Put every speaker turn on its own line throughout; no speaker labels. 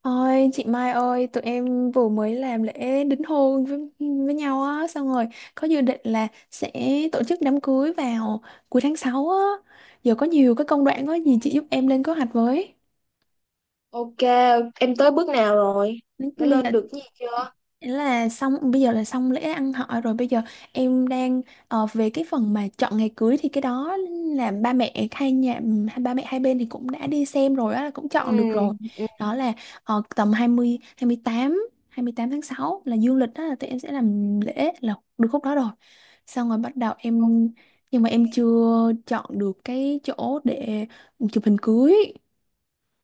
Ôi chị Mai ơi, tụi em vừa mới làm lễ đính hôn với nhau á, xong rồi có dự định là sẽ tổ chức đám cưới vào cuối tháng 6 á. Giờ có nhiều cái công đoạn có gì chị
Ừ,
giúp em lên kế hoạch với.
ok, em tới bước nào rồi? Đã
Bây
lên
giờ
được cái gì chưa?
ý là xong, bây giờ là xong lễ ăn hỏi rồi, bây giờ em đang về cái phần mà chọn ngày cưới thì cái đó là ba mẹ hai nhà, ba mẹ hai bên thì cũng đã đi xem rồi á, cũng
Ừ,
chọn được rồi.
ừ.
Đó là tầm hai mươi tám, 28 tháng 6 là dương lịch, đó là tụi em sẽ
Ừ.
làm lễ là được khúc đó rồi. Xong rồi bắt đầu em, nhưng mà em chưa chọn được cái chỗ để chụp hình cưới.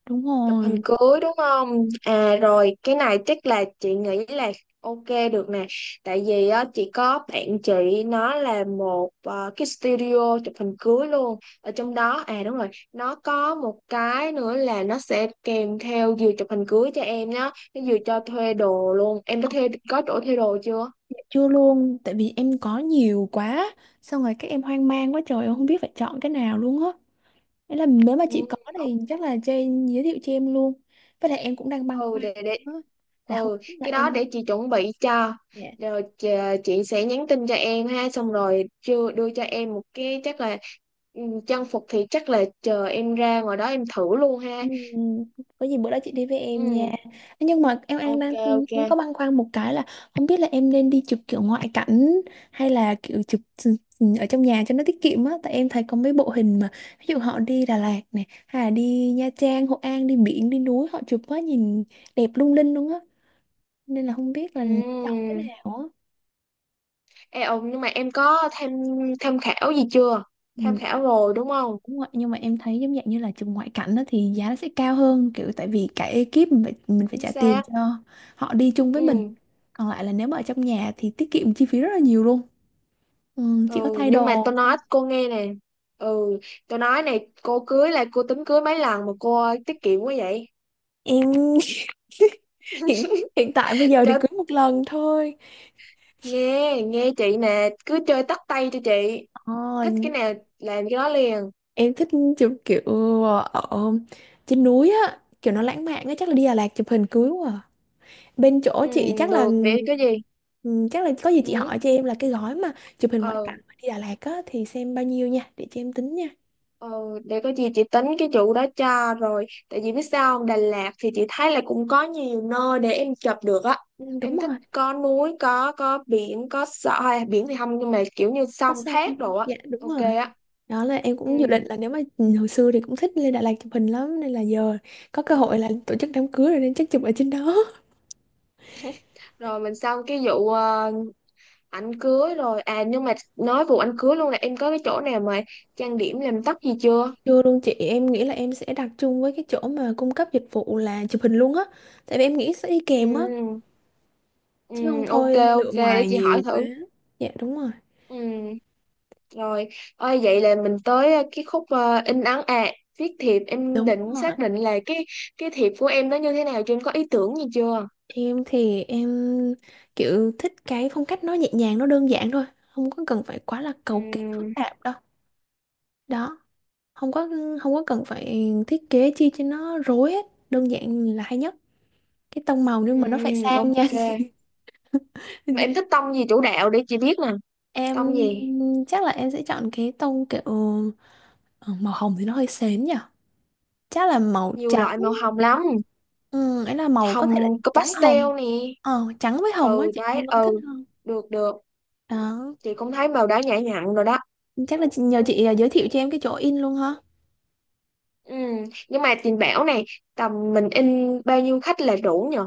Đúng
Chụp hình
rồi.
cưới đúng không? À rồi, cái này chắc là chị nghĩ là ok, được nè. Tại vì á, chị có bạn chị nó là một cái studio chụp hình cưới luôn. Ở trong đó, à đúng rồi, nó có một cái nữa là nó sẽ kèm theo vừa chụp hình cưới cho em nhá. Nó vừa cho thuê đồ luôn. Em đã thuê, có chỗ thuê đồ chưa?
Dạ chưa luôn, tại vì em có nhiều quá, xong rồi các em hoang mang quá trời, em không biết phải chọn cái nào luôn á. Thế là nếu mà
Ừ.
chị có thì chắc là Jane giới thiệu cho em luôn. Với lại em cũng đang băn
ừ
khoăn
để để
á, là không
ừ
biết là
cái đó
em,
để chị chuẩn bị cho.
dạ,
Rồi chị sẽ nhắn tin cho em ha, xong rồi chưa đưa cho em một cái chắc là ừ, trang phục thì chắc là chờ em ra ngoài đó em thử luôn ha.
ừ, có gì bữa đó chị đi với em nha.
Ừ,
Nhưng mà em
ok,
đang,
ok,
em có băn khoăn một cái là không biết là em nên đi chụp kiểu ngoại cảnh hay là kiểu chụp ở trong nhà cho nó tiết kiệm á, tại em thấy có mấy bộ hình mà ví dụ họ đi Đà Lạt này hay là đi Nha Trang, Hội An, đi biển đi núi họ chụp á, nhìn đẹp lung linh luôn á. Nên là không biết là chọn
ừ.
cái nào á.
Ê, ừ, nhưng mà em có tham tham khảo gì chưa? Tham
Ừ.
khảo rồi đúng không?
Đúng rồi, nhưng mà em thấy giống dạng như là trường ngoại cảnh đó thì giá nó sẽ cao hơn, kiểu tại vì cả ekip mình phải
Chính
trả tiền
xác.
cho họ đi chung với mình.
Ừ,
Còn lại là nếu mà ở trong nhà thì tiết kiệm chi phí rất là nhiều luôn, ừ, chỉ có
ừ,
thay
nhưng mà
đồ
tôi
thôi.
nói cô nghe nè, ừ, tôi nói này, cô cưới là cô tính cưới mấy lần mà cô tiết kiệm quá vậy?
Em hiện hiện tại bây giờ thì
Chết.
cưới một lần thôi.
Nghe nghe chị nè, cứ chơi tắt tay cho chị,
Ờ,
thích cái nào làm cái đó liền.
em thích chụp kiểu ở trên núi á, kiểu nó lãng mạn á, chắc là đi Đà Lạt chụp hình cưới quá. Bên chỗ
Ừ,
chị chắc là
được, để có gì
ừ, chắc là có gì chị
ừ,
hỏi cho em là cái gói mà chụp hình ngoại
ờ,
cảnh mà đi Đà Lạt á thì xem bao nhiêu nha để cho em tính nha.
ờ, để có gì chị tính cái chủ đó cho. Rồi tại vì biết sao không, Đà Lạt thì chị thấy là cũng có nhiều nơi để em chụp được á.
Ừ, đúng
Em thích
rồi.
có núi, có biển, có sợ à, biển thì không nhưng mà kiểu như
Có
sông
xong.
thác đồ á.
Dạ đúng
Ok
rồi.
á.
Đó là em
Ừ,
cũng dự định là nếu mà hồi xưa thì cũng thích lên Đà Lạt chụp hình lắm nên là giờ có cơ hội là tổ chức đám cưới rồi nên chắc chụp ở trên đó.
rồi mình xong cái vụ ảnh cưới rồi, à nhưng mà nói vụ ảnh cưới luôn, là em có cái chỗ nào mà trang điểm làm tóc gì chưa?
Chưa luôn chị, em nghĩ là em sẽ đặt chung với cái chỗ mà cung cấp dịch vụ là chụp hình luôn á, tại vì em nghĩ sẽ đi kèm á,
Ừ, ừ,
chứ không
ok,
thôi
ok,
lựa
để
ngoài
chị hỏi
nhiều quá.
thử.
Dạ đúng rồi.
Ừ, rồi, ơi vậy là mình tới cái khúc in ấn à, viết thiệp, em
Đúng
định
rồi.
xác định là cái thiệp của em nó như thế nào, chứ em có ý tưởng gì chưa?
Em thì em kiểu thích cái phong cách nó nhẹ nhàng, nó đơn giản thôi, không có cần phải quá là cầu kỳ
Ừ,
phức tạp đâu. Đó, không có không có cần phải thiết kế chi cho nó rối hết, đơn giản là hay nhất. Cái tông màu
ừ,
nhưng mà nó phải sang nha.
ok, mà em thích tông gì chủ đạo để chị biết nè?
Em
Tông gì?
chắc là em sẽ chọn cái tông kiểu ờ, màu hồng thì nó hơi sến nhỉ. Chắc là màu
Nhiều
trắng.
loại màu hồng lắm,
Ừ, ấy là màu có thể là
hồng có
trắng
pastel
hồng.
nè.
Ờ, trắng với hồng á
Ừ
chị,
đấy,
em vẫn thích
ừ,
hơn.
được được,
Đó,
chị cũng thấy màu đỏ nhã nhặn rồi đó.
nhờ chị giới thiệu cho em cái chỗ in luôn ha.
Ừ. Nhưng mà chị bảo này, tầm mình in bao nhiêu khách là đủ nhờ?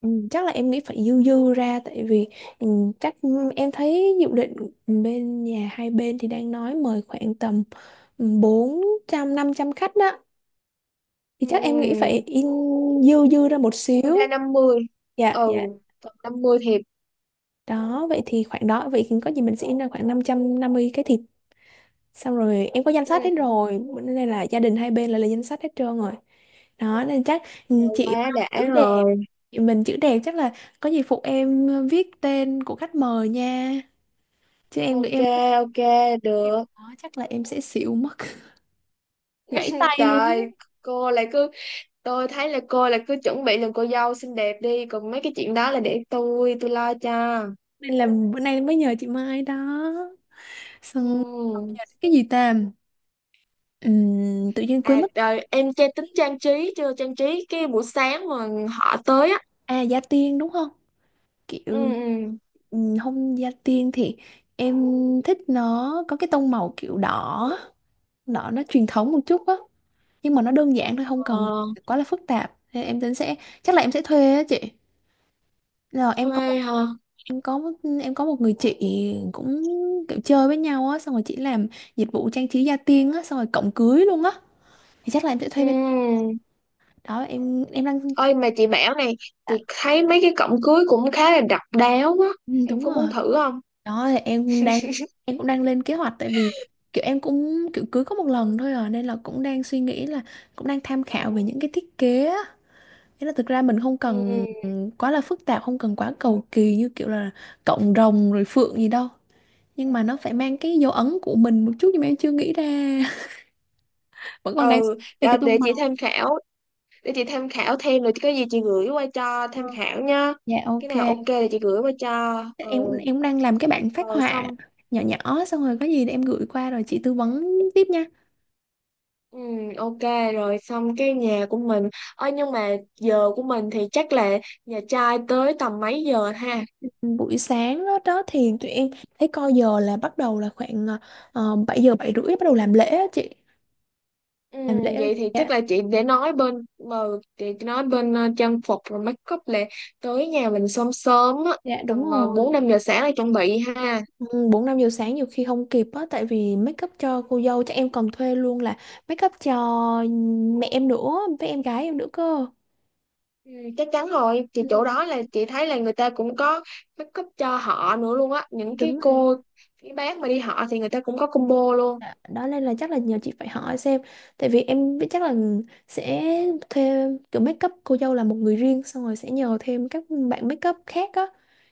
Ừ, chắc là em nghĩ phải dư dư ra tại vì ừ, chắc em thấy dự định bên nhà hai bên thì đang nói mời khoảng tầm 400 500 khách đó, thì
Ừ.
chắc em nghĩ phải in dư dư ra một
Dư
xíu.
ra 50.
Dạ
Ừ,
dạ.
tầm 50 thiệp.
Đó vậy thì khoảng đó, vậy có gì mình sẽ in ra khoảng năm 550 cái thịt, xong rồi em có danh sách hết
Ừ.
rồi, bữa nay là gia đình hai bên là lên danh sách hết trơn rồi. Đó nên chắc ừ, chị
Quá
Mai
đã
chữ đẹp,
rồi.
chị mình chữ đẹp chắc là có gì phụ em viết tên của khách mời nha, chứ em
Ok,
em thấy
ok,
em
được.
đó chắc là em sẽ xỉu mất, gãy tay luôn
Trời,
á.
cô lại cứ, tôi thấy là cô lại cứ chuẩn bị làm cô dâu xinh đẹp đi, còn mấy cái chuyện đó là để tôi lo cho.
Nên là bữa nay mới nhờ chị Mai đó. Xong còn
Ừ.
bây, cái gì ta. Tự nhiên quên
À
mất.
rồi em chơi tính trang trí chưa, trang trí cái buổi sáng mà họ tới á.
À, gia tiên đúng không,
Ừ,
kiểu
ừ.
không gia tiên thì em thích nó có cái tông màu kiểu đỏ, đỏ nó truyền thống một chút á, nhưng mà nó đơn giản thôi không
Ờ,
cần quá là phức tạp. Thế em tính sẽ chắc là em sẽ thuê á chị, là em có.
thuê hả?
Em có một, em có một người chị cũng kiểu chơi với nhau á, xong rồi chị làm dịch vụ trang trí gia tiên á xong rồi cộng cưới luôn á, thì chắc là em sẽ
Ừ.
thuê bên đó. Em đang
Ơi mà chị bảo này, chị thấy mấy cái cổng cưới cũng khá là độc đáo á.
ừ,
Em
đúng
có
rồi.
muốn thử không?
Đó thì em đang em cũng đang lên kế hoạch, tại vì kiểu em cũng kiểu cưới có một lần thôi à, nên là cũng đang suy nghĩ là cũng đang tham khảo về những cái thiết kế á. Thế là thực ra mình không
Ừ.
cần quá là phức tạp, không cần quá cầu kỳ như kiểu là cộng rồng rồi phượng gì đâu, nhưng mà nó phải mang cái dấu ấn của mình một chút nhưng mà em chưa nghĩ ra, vẫn còn đang
Ừ,
về
đó,
cái tô
để chị
màu.
tham khảo, để chị tham khảo thêm rồi có gì chị gửi qua cho
Ờ,
tham khảo nha.
dạ
Cái
ok.
nào ok thì chị gửi qua cho. Ừ,
Em cũng đang làm cái bản phác
rồi
họa
xong.
nhỏ nhỏ, xong rồi có gì để em gửi qua rồi chị tư vấn tiếp nha.
Ừ, ok, rồi xong cái nhà của mình. Ơi nhưng mà giờ của mình thì chắc là nhà trai tới tầm mấy giờ ha?
Buổi sáng đó, đó thì tụi em thấy coi giờ là bắt đầu là khoảng 7 giờ 7 rưỡi bắt đầu làm lễ á chị,
Ừ,
làm lễ.
vậy thì
Dạ
chắc là chị nói bên trang phục rồi make up là tới nhà mình sớm sớm á,
dạ
tầm
đúng
bốn
rồi.
năm giờ sáng là chuẩn bị ha.
Ừ, 4 5 giờ sáng nhiều khi không kịp á, tại vì make up cho cô dâu chắc em còn thuê luôn là make up cho mẹ em nữa, với em gái em nữa cơ.
Ừ, chắc chắn rồi thì
Ừ,
chỗ đó là chị thấy là người ta cũng có make up cho họ nữa luôn á, những cái
đúng rồi.
cô cái bác mà đi họ thì người ta cũng có combo luôn.
Dạ, đó nên là chắc là nhờ chị phải hỏi xem, tại vì em biết chắc là sẽ thêm kiểu make up cô dâu là một người riêng, xong rồi sẽ nhờ thêm các bạn make up khác á,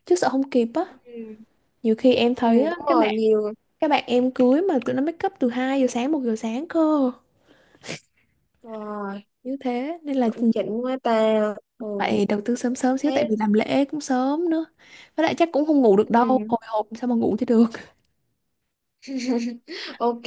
chứ sợ không kịp á.
Ừ,
Nhiều khi em
ừ
thấy á,
đúng rồi, nhiều
các bạn em cưới mà tụi nó make up từ 2 giờ sáng, 1 giờ sáng cơ.
rồi,
Như thế nên là
chuẩn chỉnh quá ta. Ừ,
phải đầu tư sớm sớm xíu tại
thế.
vì làm lễ cũng sớm nữa, với lại chắc cũng không ngủ được đâu,
Ừ.
hồi hộp sao mà ngủ cho được.
Ok,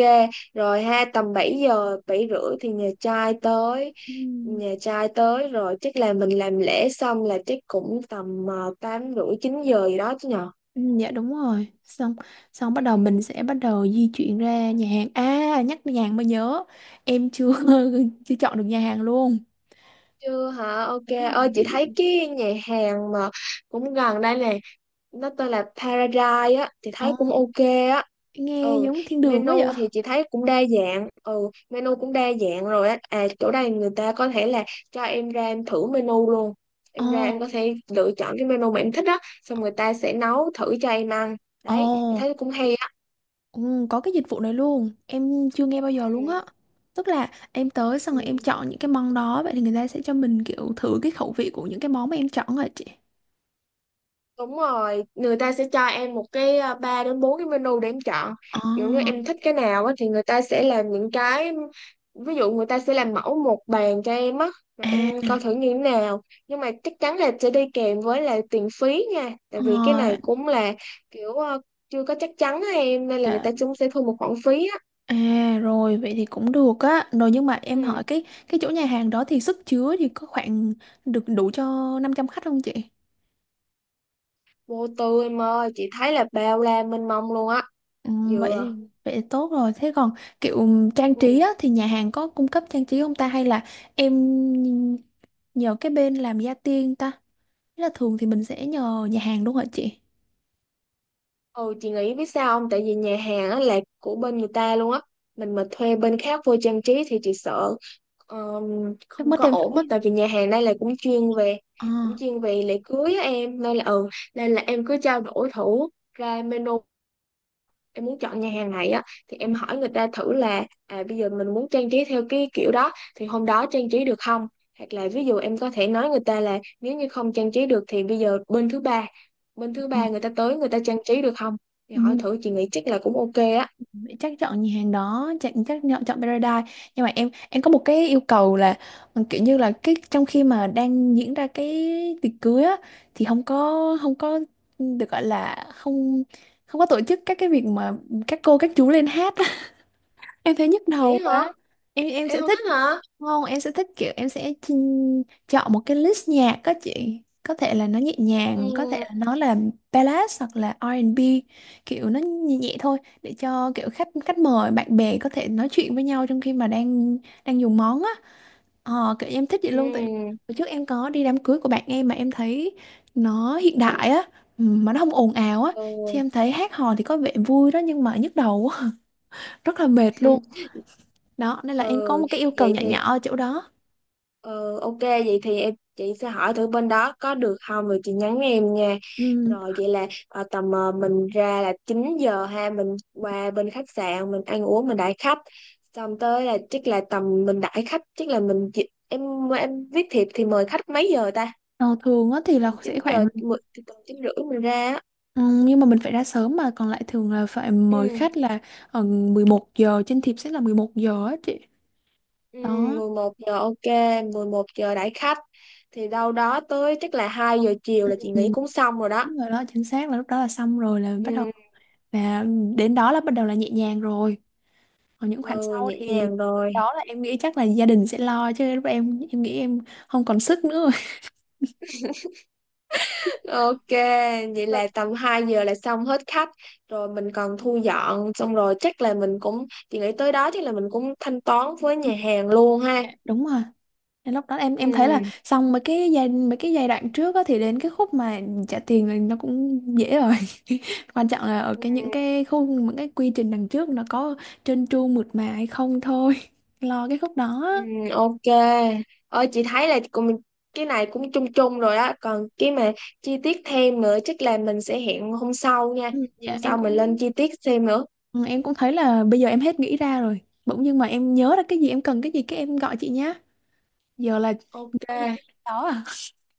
rồi ha, tầm 7 giờ, 7 rưỡi thì nhà trai tới.
Ừ.
Nhà trai tới rồi chắc là mình làm lễ xong là chắc cũng tầm 8 rưỡi 9 giờ gì đó chứ nhờ.
Ừ, dạ đúng rồi. Xong, xong bắt
Ừ,
đầu mình sẽ bắt đầu di chuyển ra nhà hàng, à nhắc nhà hàng mới nhớ, em chưa chưa chọn được nhà hàng luôn.
chưa hả?
Đúng
Ok.
rồi,
Ơi chị
địa
thấy
điểm.
cái nhà hàng mà cũng gần đây nè, nó tên là Paradise á thì thấy
Ồ,
cũng ok á.
nghe
Ừ,
giống thiên đường quá
menu
vậy.
thì chị thấy cũng đa dạng, ừ menu cũng đa dạng rồi á. À chỗ đây người ta có thể là cho em ra em thử menu luôn, em ra em
Ồ.
có thể lựa chọn cái menu mà em thích á xong người ta sẽ nấu thử cho em ăn.
Ồ.
Đấy thì thấy cũng hay á.
Ừ, có cái dịch vụ này luôn em chưa nghe bao giờ luôn á,
Ừ.
tức là em tới xong rồi em
Ừ.
chọn những cái món đó, vậy thì người ta sẽ cho mình kiểu thử cái khẩu vị của những cái món mà em chọn rồi chị.
Đúng rồi, người ta sẽ cho em một cái à, ba đến bốn cái menu để em chọn.
Ồ.
Kiểu như em thích cái nào á thì người ta sẽ làm những cái, ví dụ người ta sẽ làm mẫu một bàn cho em á, rồi em
À.
coi thử như thế nào. Nhưng mà chắc chắn là sẽ đi kèm với là tiền phí nha. Tại
Ờ,
vì cái này cũng là kiểu à, chưa có chắc chắn á em, nên là người
dạ.
ta cũng sẽ thu một khoản phí á.
À rồi vậy thì cũng được á. Rồi nhưng mà em
Ừ,
hỏi cái chỗ nhà hàng đó thì sức chứa thì có khoảng được đủ cho 500 khách không chị?
vô tư em ơi, chị thấy là bao la mênh mông luôn á.
Ừ, vậy
Dừa.
vậy tốt rồi. Thế còn kiểu trang trí
Ừ.
á thì nhà hàng có cung cấp trang trí không ta hay là em nhờ cái bên làm gia tiên ta? Thế là thường thì mình sẽ nhờ nhà hàng đúng không hả chị?
Ừ chị nghĩ biết sao không? Tại vì nhà hàng á là của bên người ta luôn á. Mình mà thuê bên khác vô trang trí thì chị sợ
Chắc
không
mất
có
thêm
ổn á.
phí.
Tại vì nhà hàng đây là cũng
À.
chuyên về lễ cưới á em. Nên là ừ, nên là em cứ trao đổi thử ra menu, em muốn chọn nhà hàng này á thì
Ừ,
em hỏi người ta thử là à, bây giờ mình muốn trang trí theo cái kiểu đó thì hôm đó trang trí được không, hoặc là ví dụ em có thể nói người ta là nếu như không trang trí được thì bây giờ bên thứ
ừ.
ba người ta tới người ta trang trí được không. Thì
Ừ.
hỏi thử chị nghĩ chắc là cũng ok á.
Chắc chọn nhà hàng đó, chắc chắc chọn chọn Paradise, nhưng mà em có một cái yêu cầu là ừ, kiểu như là cái trong khi mà đang diễn ra cái tiệc cưới á thì không có không có được gọi là không không có tổ chức các cái việc mà các cô các chú lên hát, em thấy nhức đầu
Vậy hả,
quá. Em
em
sẽ
không
thích,
thích hả?
không em sẽ thích kiểu em sẽ chọn một cái list nhạc các chị, có thể là nó nhẹ nhàng, có thể
Ừ,
là nó là ballad hoặc là R&B, kiểu nó nhẹ nhẹ thôi để cho kiểu khách khách mời bạn bè có thể nói chuyện với nhau trong khi mà đang đang dùng món á. Ờ kiểu em thích vậy luôn tại
ừ,
hồi trước em có đi đám cưới của bạn em mà em thấy nó hiện đại á, ừ, mà nó không ồn ào á, chứ
ừ.
em thấy hát hò thì có vẻ vui đó nhưng mà nhức đầu á, rất là mệt luôn. Đó nên là em có
Ừ.
một cái yêu cầu
Vậy
nhỏ
thì
nhỏ ở chỗ đó.
Ờ, ok vậy thì chị sẽ hỏi thử bên đó có được không rồi chị nhắn em nha.
Ừ.
Rồi vậy là tầm mình ra là 9 giờ ha, mình qua bên khách sạn mình ăn uống mình đãi khách, xong tới là chắc là tầm mình đãi khách chắc là mình em viết thiệp thì mời khách mấy giờ ta?
Ờ, thường á thì
tầm
là sẽ
9 giờ
khoảng
mười- Tầm 9 rưỡi mình ra á.
ừ, nhưng mà mình phải ra sớm mà còn lại thường là phải mời
Ừ,
khách là ở 11 giờ, trên thiệp sẽ là 11 giờ á chị.
ừ,
Đó.
11 giờ ok, 11 giờ đãi khách thì đâu đó tới chắc là 2 giờ chiều
Ừ.
là chị nghĩ cũng xong rồi đó.
Đúng rồi đó, chính xác là lúc đó là xong rồi là bắt đầu,
Ừ,
là đến đó là bắt đầu là nhẹ nhàng rồi, còn những khoản
ừ
sau
nhẹ
thì
nhàng
lúc
rồi.
đó là em nghĩ chắc là gia đình sẽ lo, chứ lúc em nghĩ em không còn sức nữa.
Ok, vậy
Rồi.
là tầm 2 giờ là xong hết khách, rồi mình còn thu dọn xong rồi chắc là mình cũng, chị nghĩ tới đó chắc là mình cũng thanh toán với nhà hàng luôn ha.
Đúng rồi. Nên lúc đó em
Ừ.
em thấy là xong mấy cái giai đoạn trước á, thì đến cái khúc mà trả tiền là nó cũng dễ rồi, quan trọng là ở
Ừ.
cái những cái khung những cái quy trình đằng trước nó có trơn tru mượt mà hay không thôi. Lo cái khúc đó.
Ừ, ok. Ơi chị thấy là cũng, cái này cũng chung chung rồi á, còn cái mà chi tiết thêm nữa chắc là mình sẽ hẹn hôm sau nha.
Ừ.
Hôm
Dạ em
sau mình
cũng
lên chi tiết thêm nữa.
ừ, em cũng thấy là bây giờ em hết nghĩ ra rồi, bỗng nhưng mà em nhớ ra cái gì em cần cái gì cái em gọi chị nhá. Giờ là
Ok.
có nghĩ đến cái đó à.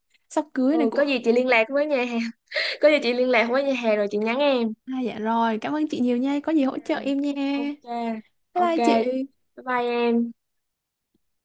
Sắp cưới này
Ừ
cũng
có gì chị liên lạc với nhà hàng. Có gì chị liên lạc với nhà hàng rồi chị nhắn em.
à, dạ rồi cảm ơn chị nhiều nha, có gì
Ừ.
hỗ trợ em nha.
Ok,
Bye
ok.
bye chị.
Bye bye em.